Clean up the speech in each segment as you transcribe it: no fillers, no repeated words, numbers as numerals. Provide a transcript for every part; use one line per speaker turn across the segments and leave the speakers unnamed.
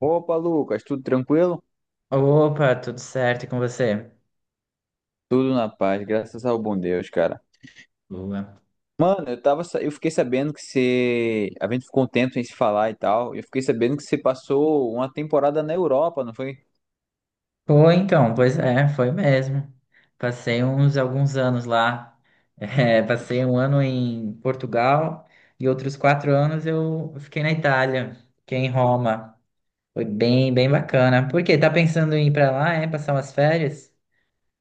Opa, Lucas, tudo tranquilo?
Opa, tudo certo e com você?
Tudo na paz, graças ao bom Deus, cara.
Boa.
Mano, eu fiquei sabendo que você, a gente ficou um tempo sem se falar e tal. Eu fiquei sabendo que você passou uma temporada na Europa, não foi?
Foi então, pois é, foi mesmo. Passei uns alguns anos lá. É, passei um ano em Portugal e outros quatro anos eu fiquei na Itália, fiquei em Roma. Foi bem, bem bacana. Por quê? Tá pensando em ir pra lá, é? Passar umas férias?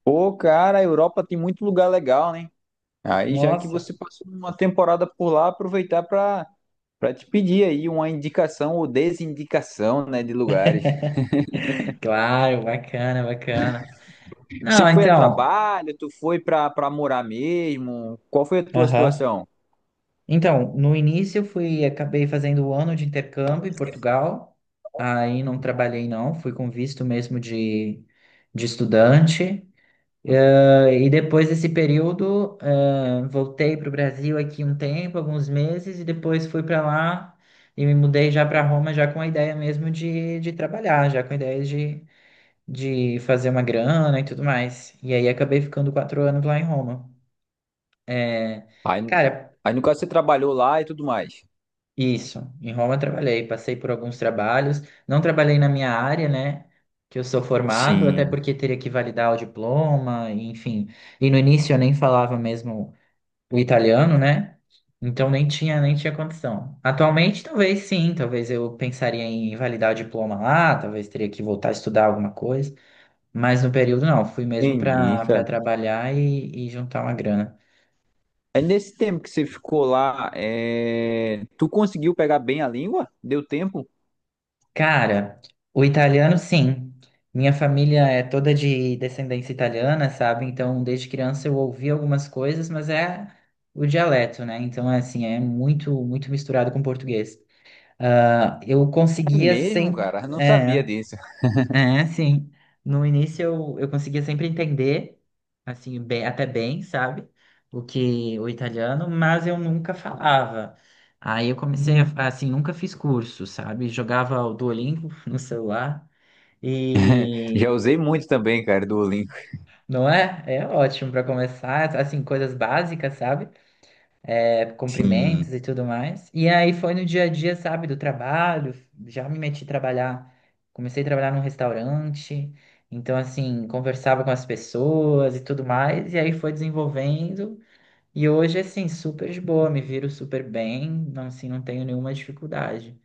Pô, cara, a Europa tem muito lugar legal, né? Aí já que
Nossa,
você passou uma temporada por lá, aproveitar pra para te pedir aí uma indicação ou desindicação, né, de lugares.
claro, bacana, bacana.
Você
Não,
foi a
então.
trabalho? Tu foi pra para morar mesmo? Qual foi a tua
Aham.
situação?
Então, no início eu fui, acabei fazendo o ano de intercâmbio em Portugal, aí não trabalhei não, fui com visto mesmo de estudante. E depois desse período voltei para o Brasil aqui um tempo, alguns meses, e depois fui para lá e me mudei já para Roma já com a ideia mesmo de trabalhar, já com a ideia de fazer uma grana e tudo mais, e aí acabei ficando quatro anos lá em Roma. Eh,
Aí,
Cara,
aí no caso você trabalhou lá e tudo mais.
isso, em Roma eu trabalhei, passei por alguns trabalhos, não trabalhei na minha área, né, que eu sou formado, até
Sim.
porque teria que validar o diploma, enfim. E no início eu nem falava mesmo o italiano, né? Então nem tinha condição. Atualmente talvez sim, talvez eu pensaria em validar o diploma lá, talvez teria que voltar a estudar alguma coisa, mas no período não, fui mesmo
Entendi,
para
cara.
trabalhar e juntar uma grana.
Aí nesse tempo que você ficou lá, é, tu conseguiu pegar bem a língua? Deu tempo?
Cara, o italiano, sim. Minha família é toda de descendência italiana, sabe? Então, desde criança eu ouvi algumas coisas, mas é o dialeto, né? Então, é assim, é muito, muito misturado com português. Ah, eu
É
conseguia
mesmo,
sem,
cara. Eu não sabia
é,
disso.
é, sim. No início eu conseguia sempre entender, assim, bem, até bem, sabe? O que o italiano, mas eu nunca falava. Aí eu comecei a, assim, nunca fiz curso, sabe? Jogava o Duolingo no celular
Já
e
usei muito também, cara, do Duolingo.
não é? É ótimo para começar, assim, coisas básicas, sabe? É, cumprimentos
Sim.
e tudo mais. E aí foi no dia a dia, sabe, do trabalho, já me meti a trabalhar, comecei a trabalhar num restaurante, então assim, conversava com as pessoas e tudo mais, e aí foi desenvolvendo. E hoje, assim, super de boa, me viro super bem, não, assim, não tenho nenhuma dificuldade,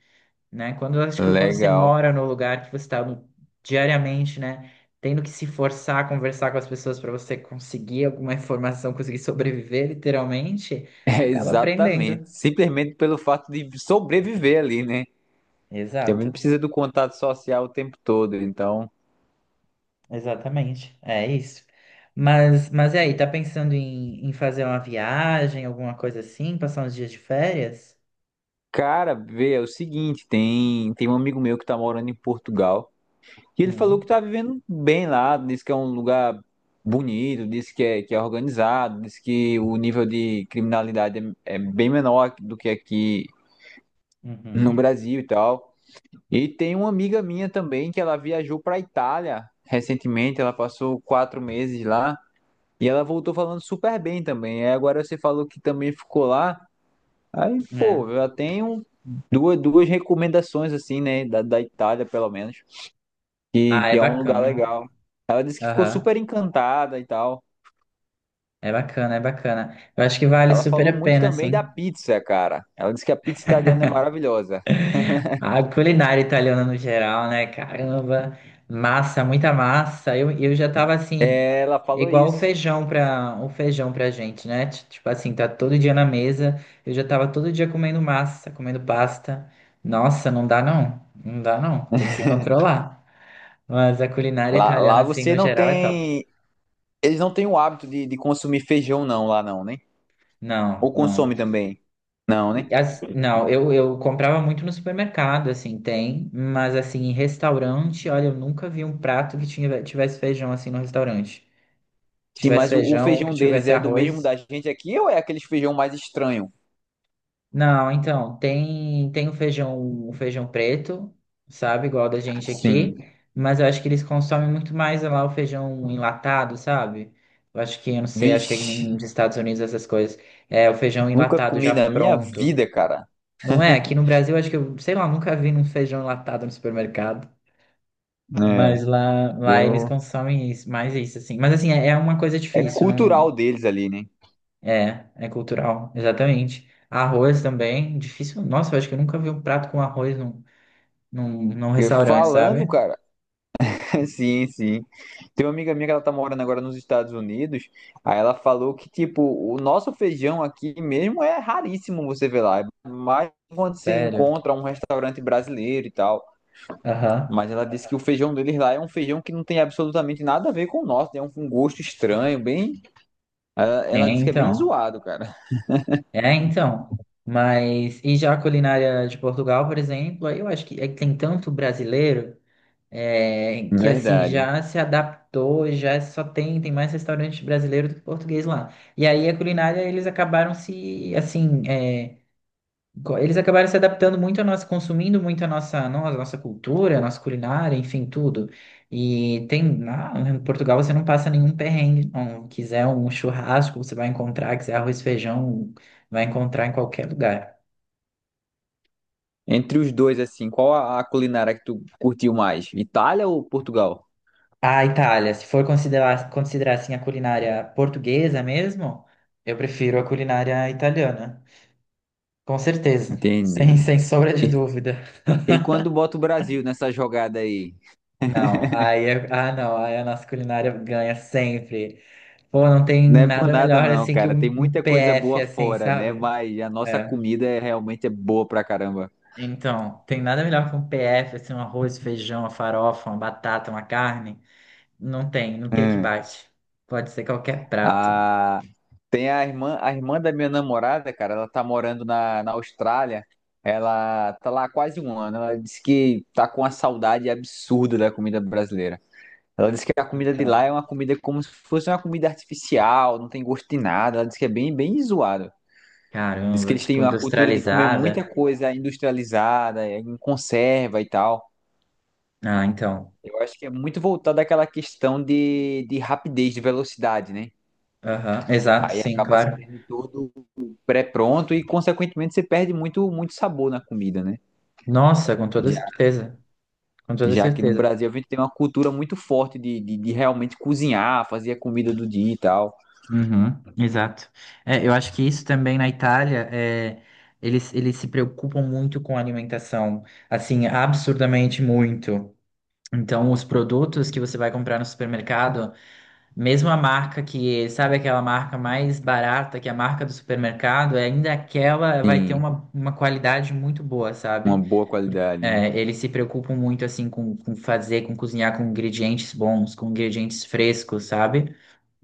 né? Quando eu acho que quando você
Legal.
mora no lugar que você está diariamente, né, tendo que se forçar a conversar com as pessoas para você conseguir alguma informação, conseguir sobreviver, literalmente,
É,
acaba
exatamente.
aprendendo.
Simplesmente pelo fato de sobreviver ali, né? Também
Exato,
precisa do contato social o tempo todo. Então,
exatamente. É isso. Mas, e aí, tá pensando em, em fazer uma viagem, alguma coisa assim, passar uns dias de férias?
cara, vê, é o seguinte, tem um amigo meu que tá morando em Portugal. E ele falou
Uhum,
que tá vivendo bem lá, disse que é um lugar bonito, disse que é organizado, disse que o nível de criminalidade é bem menor do que aqui no
uhum,
Brasil e tal. E tem uma amiga minha também que ela viajou pra Itália recentemente, ela passou quatro meses lá e ela voltou falando super bem também. Aí agora você falou que também ficou lá, aí
é.
pô, eu já tenho duas recomendações assim, né, da Itália pelo menos. que,
Ah,
que
é
é um lugar
bacana.
legal. Ela disse que ficou super
Aham,
encantada e tal.
é bacana, é bacana. Eu acho que vale
Ela
super
falou
a
muito
pena,
também da
sim.
pizza, cara. Ela disse que a pizza italiana é maravilhosa.
A culinária italiana no geral, né? Caramba, massa, muita massa. Eu já tava assim,
Ela falou
igual
isso.
o feijão pra gente, né? Tipo assim, tá todo dia na mesa. Eu já tava todo dia comendo massa, comendo pasta. Nossa, não dá não. Não dá não. Tem que se controlar. Mas a culinária italiana,
Lá
assim,
você
no
não
geral, é top.
tem. Eles não têm o hábito de consumir feijão, não, lá não, né?
Não,
Ou
não.
consome também? Não, né?
Não, eu comprava muito no supermercado, assim, tem, mas assim, em restaurante, olha, eu nunca vi um prato que tinha, tivesse feijão assim no restaurante.
Sim,
Tivesse
mas o
feijão ou que
feijão deles
tivesse
é do mesmo
arroz.
da gente aqui ou é aquele feijão mais estranho?
Não, então, tem o feijão preto, sabe, igual da gente aqui,
Sim.
mas eu acho que eles consomem muito mais lá o feijão enlatado, sabe? Eu acho que, eu não sei, acho que é que nem
Vixe,
nos Estados Unidos essas coisas. É, o feijão
nunca
enlatado
comi
já
na minha
pronto.
vida, cara.
Não é? Aqui no Brasil, acho que eu, sei lá, nunca vi um feijão enlatado no supermercado.
É,
Mas lá eles
eu.
consomem isso, mais isso, assim. Mas assim, é, é uma coisa
É
difícil, não, não-
cultural deles ali, né?
É, é cultural, exatamente. Arroz também, difícil. Nossa, eu acho que eu nunca vi um prato com arroz num
E
restaurante,
falando,
sabe?
cara. Sim, sim. Tem uma amiga minha que ela tá morando agora nos Estados Unidos. Aí ela falou que, tipo, o nosso feijão aqui mesmo é raríssimo você ver lá. Mas quando você
Sério.
encontra um restaurante brasileiro e tal.
Aham.
Mas ela disse que o feijão deles lá é um feijão que não tem absolutamente nada a ver com o nosso. Tem um gosto estranho, bem.
É,
Ela disse que é bem
então.
zoado, cara.
É, então. Mas, e já a culinária de Portugal, por exemplo, aí eu acho que é que tem tanto brasileiro. É, que assim
Verdade.
já se adaptou, já só tem, tem mais restaurante brasileiro do que português lá. E aí a culinária eles acabaram se assim, é, eles acabaram se adaptando muito a nossa, consumindo muito a nossa, a nossa cultura, a nossa culinária, enfim, tudo. E tem, lá em Portugal você não passa nenhum perrengue, não. Quiser um churrasco, você vai encontrar, quiser arroz e feijão, vai encontrar em qualquer lugar.
Entre os dois, assim, qual a culinária que tu curtiu mais? Itália ou Portugal?
A Itália, se for considerar, assim a culinária portuguesa mesmo, eu prefiro a culinária italiana. Com certeza, sem,
Entendi.
sem sombra de dúvida.
E quando bota o Brasil nessa jogada aí?
Não, ah não, aí a nossa culinária ganha sempre. Pô, não tem
Não é por
nada
nada
melhor
não,
assim que
cara. Tem
um,
muita coisa
PF
boa
assim,
fora, né?
sabe?
Mas a nossa
É.
comida é, realmente é boa pra caramba.
Então, tem nada melhor que um PF, assim, um arroz, feijão, uma farofa, uma batata, uma carne. Não tem, não tem o que
Hum.
bate. Pode ser qualquer prato.
Ah, tem a irmã da minha namorada, cara. Ela tá morando na Austrália. Ela tá lá há quase um ano. Ela disse que tá com uma saudade absurda da comida brasileira. Ela disse que a comida de lá é uma comida como se fosse uma comida artificial, não tem gosto de nada. Ela disse que é bem, bem zoado. Diz que
Caramba,
eles têm
tipo
uma cultura de comer muita
industrializada.
coisa industrializada, em conserva e tal.
Ah, então.
Eu acho que é muito voltado àquela questão de rapidez, de velocidade, né?
Aham, exato,
Aí
sim,
acaba se
claro.
tendo tudo pré-pronto e, consequentemente, você perde muito, muito sabor na comida, né?
Nossa, com toda
Já,
certeza. Com toda
já que no
certeza.
Brasil a gente tem uma cultura muito forte de realmente cozinhar, fazer a comida do dia e tal.
Uhum, exato. É, eu acho que isso também na Itália, é, eles se preocupam muito com a alimentação, assim, absurdamente muito. Então, os produtos que você vai comprar no supermercado. Mesmo a marca que, sabe aquela marca mais barata, que é a marca do supermercado, é ainda aquela vai ter
Sim,
uma qualidade muito boa,
uma
sabe?
boa qualidade, né?
É, eles se preocupam muito, assim, com fazer, com cozinhar com ingredientes bons, com ingredientes frescos, sabe?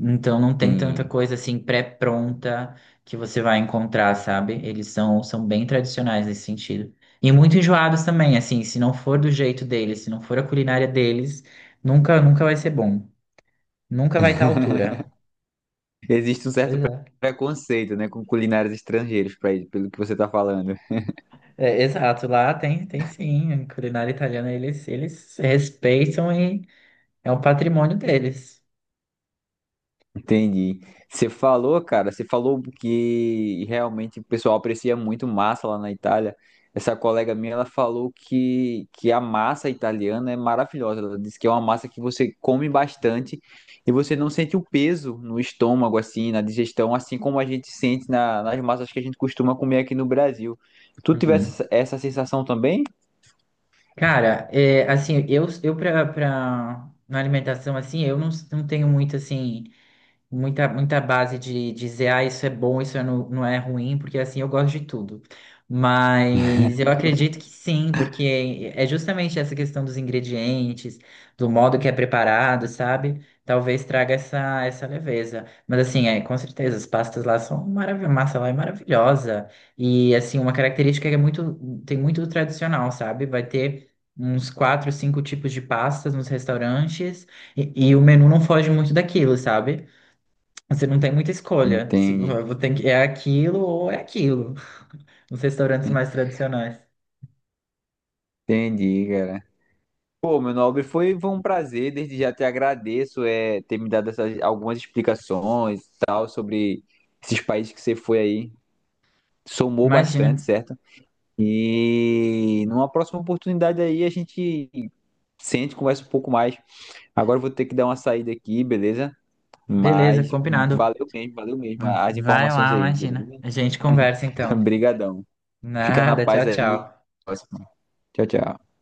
Então não tem tanta
Sim.
coisa, assim, pré-pronta que você vai encontrar, sabe? Eles são bem tradicionais nesse sentido. E muito enjoados também, assim, se não for do jeito deles, se não for a culinária deles, nunca, nunca vai ser bom. Nunca vai estar à altura.
Existe um certo
Pois é.
preconceito, né, com culinários estrangeiros, pelo que você tá falando.
É, exato, lá tem, tem sim, a culinária italiana eles respeitam e é um patrimônio deles.
Entendi. Você falou, cara, você falou que realmente o pessoal aprecia muito massa lá na Itália. Essa colega minha, ela falou que a massa italiana é maravilhosa. Ela disse que é uma massa que você come bastante e você não sente o peso no estômago, assim, na digestão, assim como a gente sente na- nas massas que a gente costuma comer aqui no Brasil. Tu tivesse
Uhum.
essa sensação também?
Cara, é, assim, eu, na alimentação, assim, eu não, não tenho muito, assim, muita, muita base de dizer, ah, isso é bom, isso é não, não é ruim, porque assim eu gosto de tudo. Mas eu acredito que sim, porque é justamente essa questão dos ingredientes, do modo que é preparado, sabe? Talvez traga essa, essa leveza. Mas assim, é, com certeza, as pastas lá são maravilhosas, massa lá é maravilhosa. E assim, uma característica que é muito, tem muito do tradicional, sabe? Vai ter uns quatro, cinco tipos de pastas nos restaurantes e o menu não foge muito daquilo, sabe? Você não tem muita escolha. Se
Entendi.
tem que- é aquilo ou é aquilo. Nos restaurantes mais tradicionais.
Entendi, cara. Pô, meu nobre, foi um prazer, desde já te agradeço é, ter me dado essas, algumas explicações e tal sobre esses países que você foi aí. Somou bastante,
Imagina.
certo? E numa próxima oportunidade aí a gente sente, conversa um pouco mais. Agora eu vou ter que dar uma saída aqui, beleza?
Beleza,
Mas
combinado.
valeu mesmo as
Vai
informações
lá,
aí,
imagina.
beleza?
A gente conversa então.
Obrigadão. Fica na
Nada,
paz
tchau,
aí.
tchau.
Até a próxima. Tchau, tchau.